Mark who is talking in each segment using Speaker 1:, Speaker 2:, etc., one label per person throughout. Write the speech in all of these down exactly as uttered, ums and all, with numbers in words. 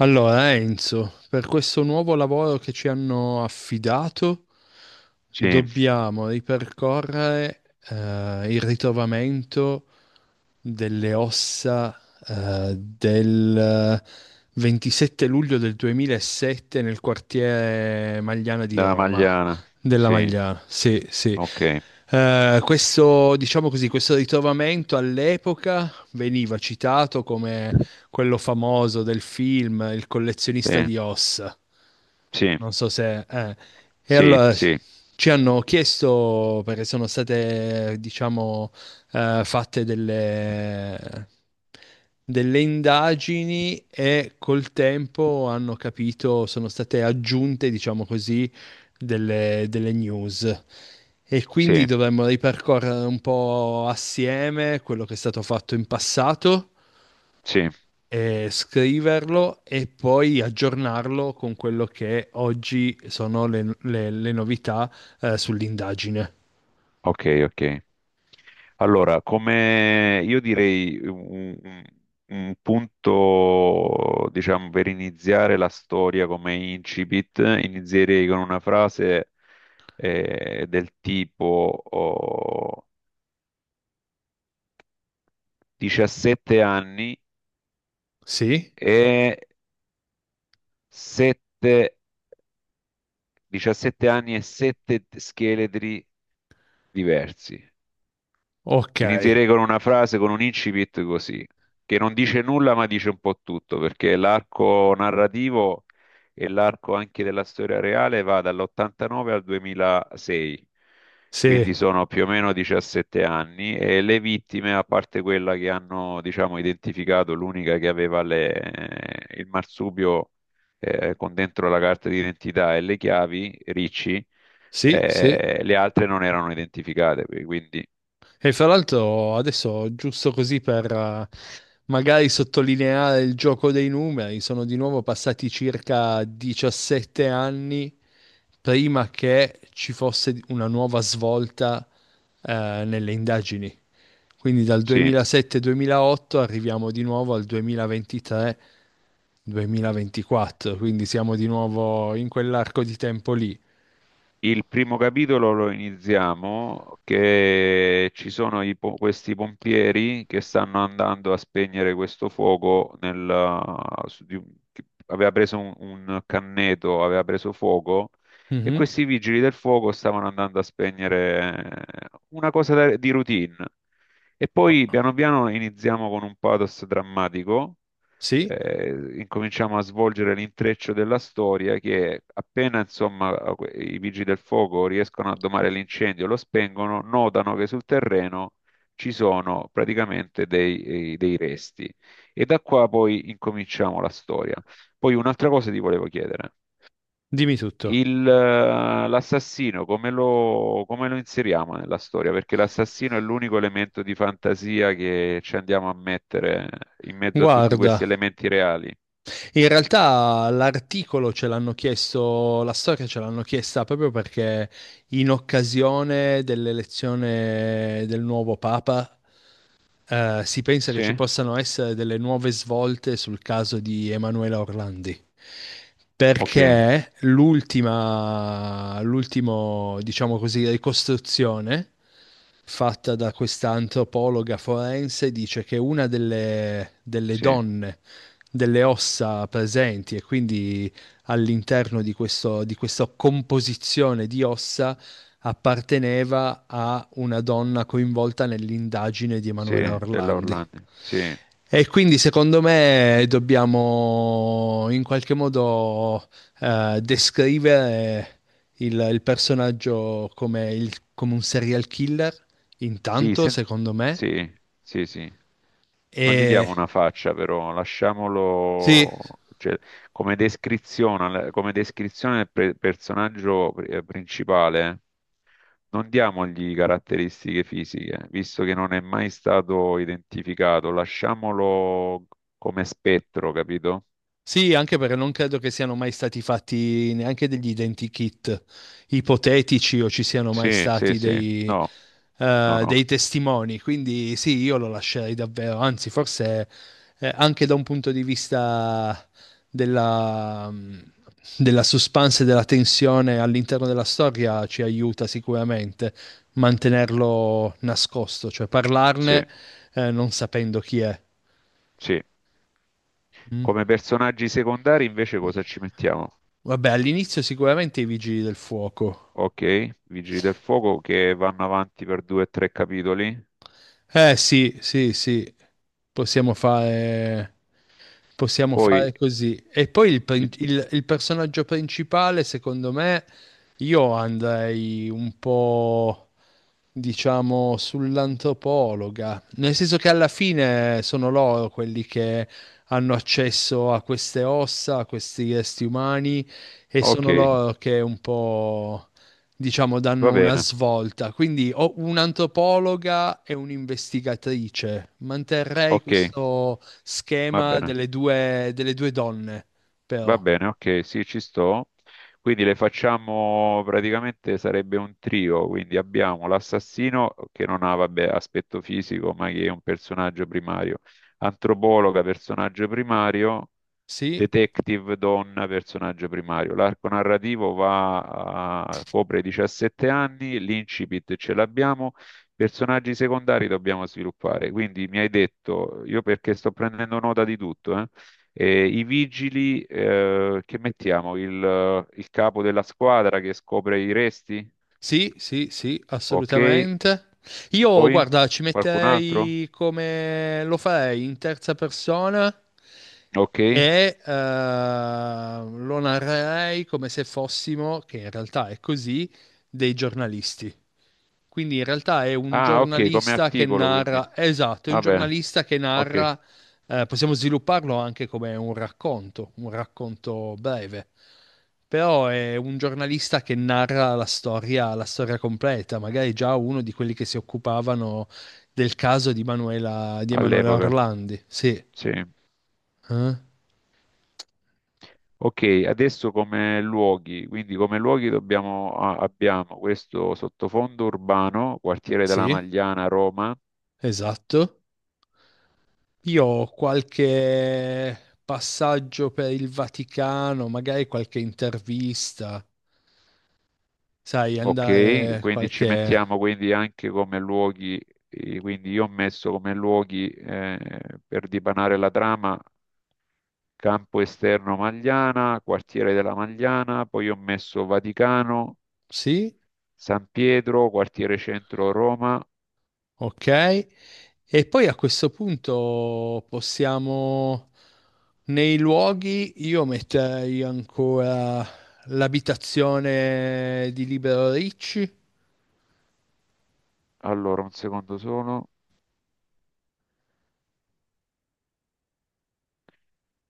Speaker 1: Allora, Enzo, per questo nuovo lavoro che ci hanno affidato,
Speaker 2: Sì,
Speaker 1: dobbiamo ripercorrere eh, il ritrovamento delle ossa eh, del ventisette luglio del duemilasette nel quartiere Magliana di
Speaker 2: della
Speaker 1: Roma.
Speaker 2: Magliana.
Speaker 1: Della
Speaker 2: Sì,
Speaker 1: Magliana, sì, sì.
Speaker 2: ok.
Speaker 1: Eh, questo, diciamo così, questo ritrovamento all'epoca veniva citato come quello famoso del film Il
Speaker 2: Sì,
Speaker 1: collezionista di ossa.
Speaker 2: sì,
Speaker 1: Non so se... eh. E
Speaker 2: sì,
Speaker 1: allora
Speaker 2: sì,
Speaker 1: ci hanno chiesto, perché sono state, diciamo, eh, fatte delle, delle indagini e col tempo hanno capito, sono state aggiunte, diciamo così, delle, delle news. E quindi
Speaker 2: sì,
Speaker 1: dovremmo ripercorrere un po' assieme quello che è stato fatto in passato,
Speaker 2: sì.
Speaker 1: eh, scriverlo e poi aggiornarlo con quello che oggi sono le, le- le novità eh, sull'indagine.
Speaker 2: Ok, ok. Allora, come io direi un, un- un punto, diciamo, per iniziare la storia come incipit, inizierei con una frase eh, del tipo oh, diciassette anni
Speaker 1: Sì?
Speaker 2: e sette, diciassette anni e sette scheletri diversi.
Speaker 1: Ok.
Speaker 2: Inizierei con una frase, con un incipit così, che non dice nulla ma dice un po' tutto, perché l'arco narrativo e l'arco anche della storia reale va dall'ottantanove al duemilasei,
Speaker 1: Sì,
Speaker 2: quindi sono più o meno diciassette anni e le vittime, a parte quella che hanno, diciamo, identificato, l'unica che aveva le- eh, il marsupio eh, con dentro la carta d'identità e le chiavi, Ricci,
Speaker 1: sì, sì.
Speaker 2: eh, le altre non erano identificate, quindi
Speaker 1: E fra l'altro adesso, giusto così per eh, magari sottolineare il gioco dei numeri, sono di nuovo passati circa diciassette anni prima che ci fosse una nuova svolta eh, nelle indagini. Quindi dal
Speaker 2: sì.
Speaker 1: duemilasette-duemilaotto arriviamo di nuovo al duemilaventitré-duemilaventiquattro, quindi siamo di nuovo in quell'arco di tempo lì.
Speaker 2: Il primo capitolo lo iniziamo che ci sono i po- questi pompieri che stanno andando a spegnere questo fuoco nel, su di un- che aveva preso un, un canneto, aveva preso fuoco e
Speaker 1: Mhm.
Speaker 2: questi vigili del fuoco stavano andando a spegnere eh, una cosa da- di routine. E poi piano piano iniziamo con un pathos drammatico
Speaker 1: Sì,
Speaker 2: eh, incominciamo a svolgere l'intreccio della storia che appena insomma i vigili del fuoco riescono a domare l'incendio, lo spengono, notano che sul terreno ci sono praticamente dei, eh, dei resti e da qua poi incominciamo la storia. Poi un'altra cosa ti volevo chiedere.
Speaker 1: dimmi tutto.
Speaker 2: Il, eh, l'assassino, come lo, come lo inseriamo nella storia? Perché l'assassino è l'unico elemento di fantasia che ci andiamo a mettere in mezzo a tutti questi
Speaker 1: Guarda,
Speaker 2: elementi reali.
Speaker 1: in realtà l'articolo ce l'hanno chiesto, la storia ce l'hanno chiesta proprio perché in occasione dell'elezione del nuovo Papa eh, si pensa che
Speaker 2: Sì,
Speaker 1: ci possano essere delle nuove svolte sul caso di Emanuela Orlandi.
Speaker 2: ok,
Speaker 1: Perché l'ultima, l'ultimo, diciamo così, ricostruzione fatta da questa antropologa forense dice che una delle, delle
Speaker 2: sì,
Speaker 1: donne, delle ossa presenti e quindi all'interno di questo, di questa composizione di ossa apparteneva a una donna coinvolta nell'indagine di
Speaker 2: sì,
Speaker 1: Emanuela
Speaker 2: della
Speaker 1: Orlandi.
Speaker 2: Orlando, sì,
Speaker 1: E quindi secondo me dobbiamo in qualche modo eh, descrivere il, il personaggio come, il- come un serial killer,
Speaker 2: sì,
Speaker 1: intanto,
Speaker 2: sen-
Speaker 1: secondo me.
Speaker 2: sì, sì, sì. Non gli
Speaker 1: E
Speaker 2: diamo una faccia, però
Speaker 1: sì,
Speaker 2: lasciamolo, cioè, come descrizione, al- come descrizione del pre- personaggio pri- eh, principale, eh, non diamogli caratteristiche fisiche, visto che non è mai stato identificato, lasciamolo come spettro, capito?
Speaker 1: sì, anche perché non credo che siano mai stati fatti neanche degli identikit ipotetici o ci siano mai
Speaker 2: Sì, sì,
Speaker 1: stati
Speaker 2: sì,
Speaker 1: dei,
Speaker 2: no, no,
Speaker 1: eh,
Speaker 2: no,
Speaker 1: dei testimoni, quindi sì, io lo lascerei davvero, anzi forse eh, anche da un punto di vista della, mm, della suspense e della tensione all'interno della storia ci aiuta sicuramente mantenerlo nascosto, cioè
Speaker 2: sì,
Speaker 1: parlarne eh, non sapendo chi è.
Speaker 2: sì.
Speaker 1: Mm.
Speaker 2: Come personaggi secondari invece cosa ci mettiamo?
Speaker 1: Vabbè, all'inizio sicuramente i vigili del fuoco.
Speaker 2: Ok, Vigili del Fuoco che vanno avanti per due o tre capitoli.
Speaker 1: Eh sì, sì, sì, possiamo fare, possiamo
Speaker 2: Poi,
Speaker 1: fare così. E poi il, prin-
Speaker 2: il-
Speaker 1: il- il personaggio principale, secondo me, io andrei un po', diciamo, sull'antropologa, nel senso che alla fine sono loro quelli che hanno accesso a queste ossa, a questi resti umani, e
Speaker 2: ok,
Speaker 1: sono loro che un po', diciamo,
Speaker 2: va
Speaker 1: danno una
Speaker 2: bene,
Speaker 1: svolta. Quindi ho un'antropologa e un'investigatrice. Manterrei
Speaker 2: ok,
Speaker 1: questo
Speaker 2: va
Speaker 1: schema
Speaker 2: bene,
Speaker 1: delle due, delle due donne,
Speaker 2: va
Speaker 1: però.
Speaker 2: bene, ok, sì, ci sto. Quindi le facciamo praticamente sarebbe un trio, quindi abbiamo l'assassino che non ha, vabbè, aspetto fisico, ma che è un personaggio primario, antropologa, personaggio primario,
Speaker 1: Sì,
Speaker 2: detective donna personaggio primario. L'arco narrativo va a- copre diciassette anni, l'incipit ce l'abbiamo, personaggi secondari dobbiamo sviluppare. Quindi mi hai detto, io perché sto prendendo nota di tutto, eh? Eh, I vigili, eh, che mettiamo? Il, il capo della squadra che scopre i resti?
Speaker 1: sì, sì, sì,
Speaker 2: Ok.
Speaker 1: assolutamente. Io,
Speaker 2: Poi
Speaker 1: guarda, ci
Speaker 2: qualcun altro?
Speaker 1: metterei, come lo farei in terza persona
Speaker 2: Ok.
Speaker 1: e eh, lo narrerei come se fossimo, che in realtà è così, dei giornalisti. Quindi in realtà è un
Speaker 2: Ah, ok, come
Speaker 1: giornalista che
Speaker 2: articolo quindi.
Speaker 1: narra, esatto, è un
Speaker 2: Va bene.
Speaker 1: giornalista che
Speaker 2: Ok,
Speaker 1: narra, eh, possiamo svilupparlo anche come un racconto, un racconto breve, però è un giornalista che narra la storia, la storia completa, magari già uno di quelli che si occupavano del caso di Manuela, di Emanuela
Speaker 2: all'epoca.
Speaker 1: Orlandi. Sì,
Speaker 2: Sì.
Speaker 1: eh?
Speaker 2: Ok, adesso come luoghi, quindi come luoghi dobbiamo, a- abbiamo questo sottofondo urbano, quartiere della
Speaker 1: Sì,
Speaker 2: Magliana, Roma,
Speaker 1: esatto. Io ho qualche passaggio per il Vaticano, magari qualche intervista, sai,
Speaker 2: ok,
Speaker 1: andare
Speaker 2: quindi ci
Speaker 1: qualche...
Speaker 2: mettiamo quindi anche come luoghi, eh, quindi io ho messo come luoghi eh, per dipanare la trama campo esterno Magliana, quartiere della Magliana, poi ho messo Vaticano,
Speaker 1: Sì,
Speaker 2: San Pietro, quartiere centro Roma,
Speaker 1: ok. E poi a questo punto possiamo... Nei luoghi io metterei ancora l'abitazione di Libero Ricci,
Speaker 2: allora un secondo solo.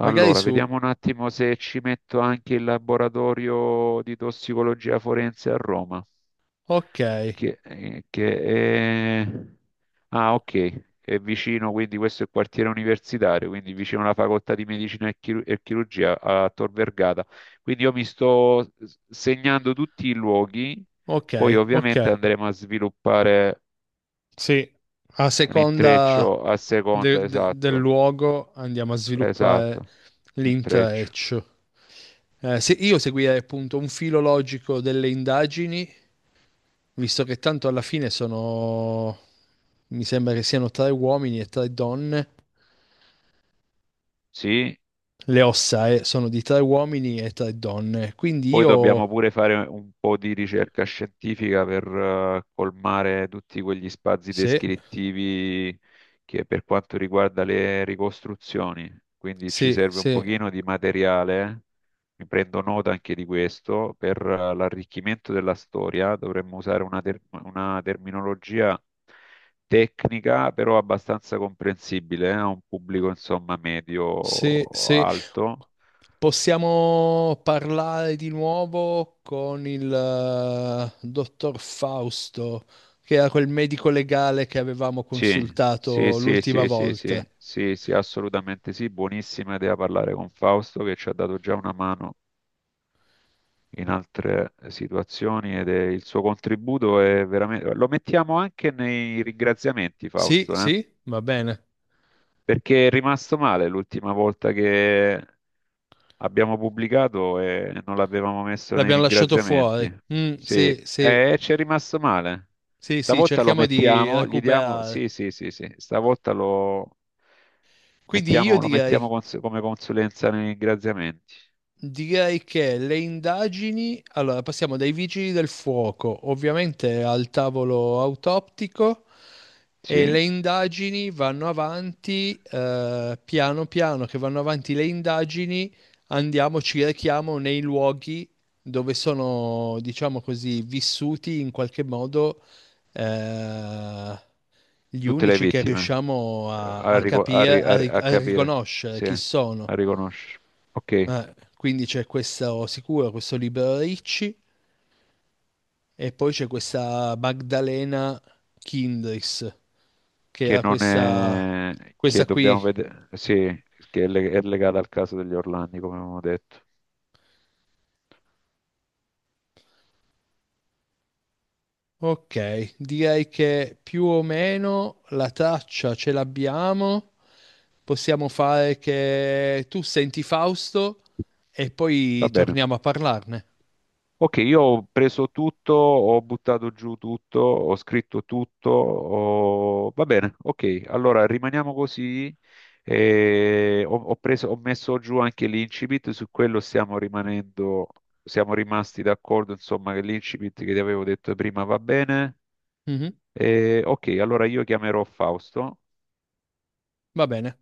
Speaker 1: magari
Speaker 2: Allora,
Speaker 1: su...
Speaker 2: vediamo un attimo se ci metto anche il laboratorio di tossicologia forense a Roma,
Speaker 1: Ok,
Speaker 2: che, eh, che è... Ah, ok, è vicino, quindi questo è il quartiere universitario, quindi vicino alla facoltà di medicina e, chiru- e chirurgia a Tor Vergata. Quindi io mi sto s- segnando tutti i luoghi,
Speaker 1: ok,
Speaker 2: poi
Speaker 1: ok.
Speaker 2: ovviamente andremo a sviluppare
Speaker 1: Sì, a seconda
Speaker 2: l'intreccio a seconda,
Speaker 1: de- de- del
Speaker 2: esatto,
Speaker 1: luogo andiamo a
Speaker 2: esatto,
Speaker 1: sviluppare
Speaker 2: intreccio.
Speaker 1: l'intreccio. Eh, se io seguirei appunto un filo logico delle indagini, visto che tanto alla fine sono, mi sembra che siano tre uomini e tre donne,
Speaker 2: Sì,
Speaker 1: le ossa eh, sono di tre uomini e tre donne, quindi
Speaker 2: poi dobbiamo
Speaker 1: io,
Speaker 2: pure fare un po' di ricerca scientifica per eh, colmare tutti quegli spazi
Speaker 1: se,
Speaker 2: descrittivi che per quanto riguarda le ricostruzioni. Quindi ci
Speaker 1: se,
Speaker 2: serve un
Speaker 1: se
Speaker 2: pochino di materiale, mi prendo nota anche di questo, per eh, l'arricchimento della storia dovremmo usare una, ter- una terminologia tecnica, però abbastanza comprensibile eh, a un pubblico insomma
Speaker 1: sì, sì.
Speaker 2: medio-alto.
Speaker 1: Possiamo parlare di nuovo con il eh, dottor Fausto, che era quel medico legale che avevamo
Speaker 2: Sì, sì,
Speaker 1: consultato
Speaker 2: sì,
Speaker 1: l'ultima
Speaker 2: sì, sì,
Speaker 1: volta.
Speaker 2: sì, sì, sì, assolutamente sì, buonissima idea parlare con Fausto che ci ha dato già una mano in altre situazioni ed è- il suo contributo è veramente... Lo mettiamo anche nei ringraziamenti,
Speaker 1: Sì,
Speaker 2: Fausto, eh?
Speaker 1: sì, va bene.
Speaker 2: Perché è rimasto male l'ultima volta che abbiamo pubblicato e non l'avevamo messo nei
Speaker 1: L'abbiamo lasciato fuori.
Speaker 2: ringraziamenti.
Speaker 1: Mm,
Speaker 2: Sì,
Speaker 1: sì, sì,
Speaker 2: e ci è rimasto male.
Speaker 1: sì, sì,
Speaker 2: Stavolta lo
Speaker 1: cerchiamo di
Speaker 2: mettiamo, gli diamo...
Speaker 1: recuperare.
Speaker 2: Sì, sì, sì, sì. Stavolta lo
Speaker 1: Quindi io
Speaker 2: mettiamo, lo mettiamo
Speaker 1: direi,
Speaker 2: cons- come consulenza nei ringraziamenti.
Speaker 1: direi che le indagini, allora passiamo dai vigili del fuoco, ovviamente al tavolo autoptico e
Speaker 2: Sì,
Speaker 1: le indagini vanno avanti, eh, piano piano che vanno avanti le indagini, andiamo, ci rechiamo nei luoghi dove sono, diciamo così, vissuti in qualche modo, eh, gli
Speaker 2: tutte le
Speaker 1: unici che
Speaker 2: vittime.
Speaker 1: riusciamo a,
Speaker 2: A,
Speaker 1: a
Speaker 2: rico- a
Speaker 1: capire,
Speaker 2: ri-
Speaker 1: a
Speaker 2: a-
Speaker 1: ric-
Speaker 2: a
Speaker 1: a
Speaker 2: capire,
Speaker 1: riconoscere
Speaker 2: sì,
Speaker 1: chi
Speaker 2: a
Speaker 1: sono.
Speaker 2: riconoscere. Ok,
Speaker 1: Eh, quindi c'è questo sicuro, questo Libero Ricci e poi c'è questa Magdalena Kindris, che
Speaker 2: che
Speaker 1: era
Speaker 2: non
Speaker 1: questa,
Speaker 2: è... che
Speaker 1: questa qui.
Speaker 2: dobbiamo vedere... Sì, che è, le- è legata al caso degli Orlandi, come abbiamo detto.
Speaker 1: Ok, direi che più o meno la traccia ce l'abbiamo. Possiamo fare che tu senti Fausto e poi
Speaker 2: Va bene.
Speaker 1: torniamo a parlarne.
Speaker 2: Ok, io ho preso tutto, ho buttato giù tutto, ho scritto tutto, ho- va bene, ok, allora rimaniamo così. eh, ho, ho preso- ho messo giù anche l'incipit, su quello stiamo rimanendo, siamo rimasti d'accordo, insomma, che l'incipit che ti avevo detto prima va bene.
Speaker 1: Mhm.
Speaker 2: Eh, ok, allora io chiamerò Fausto
Speaker 1: Va bene.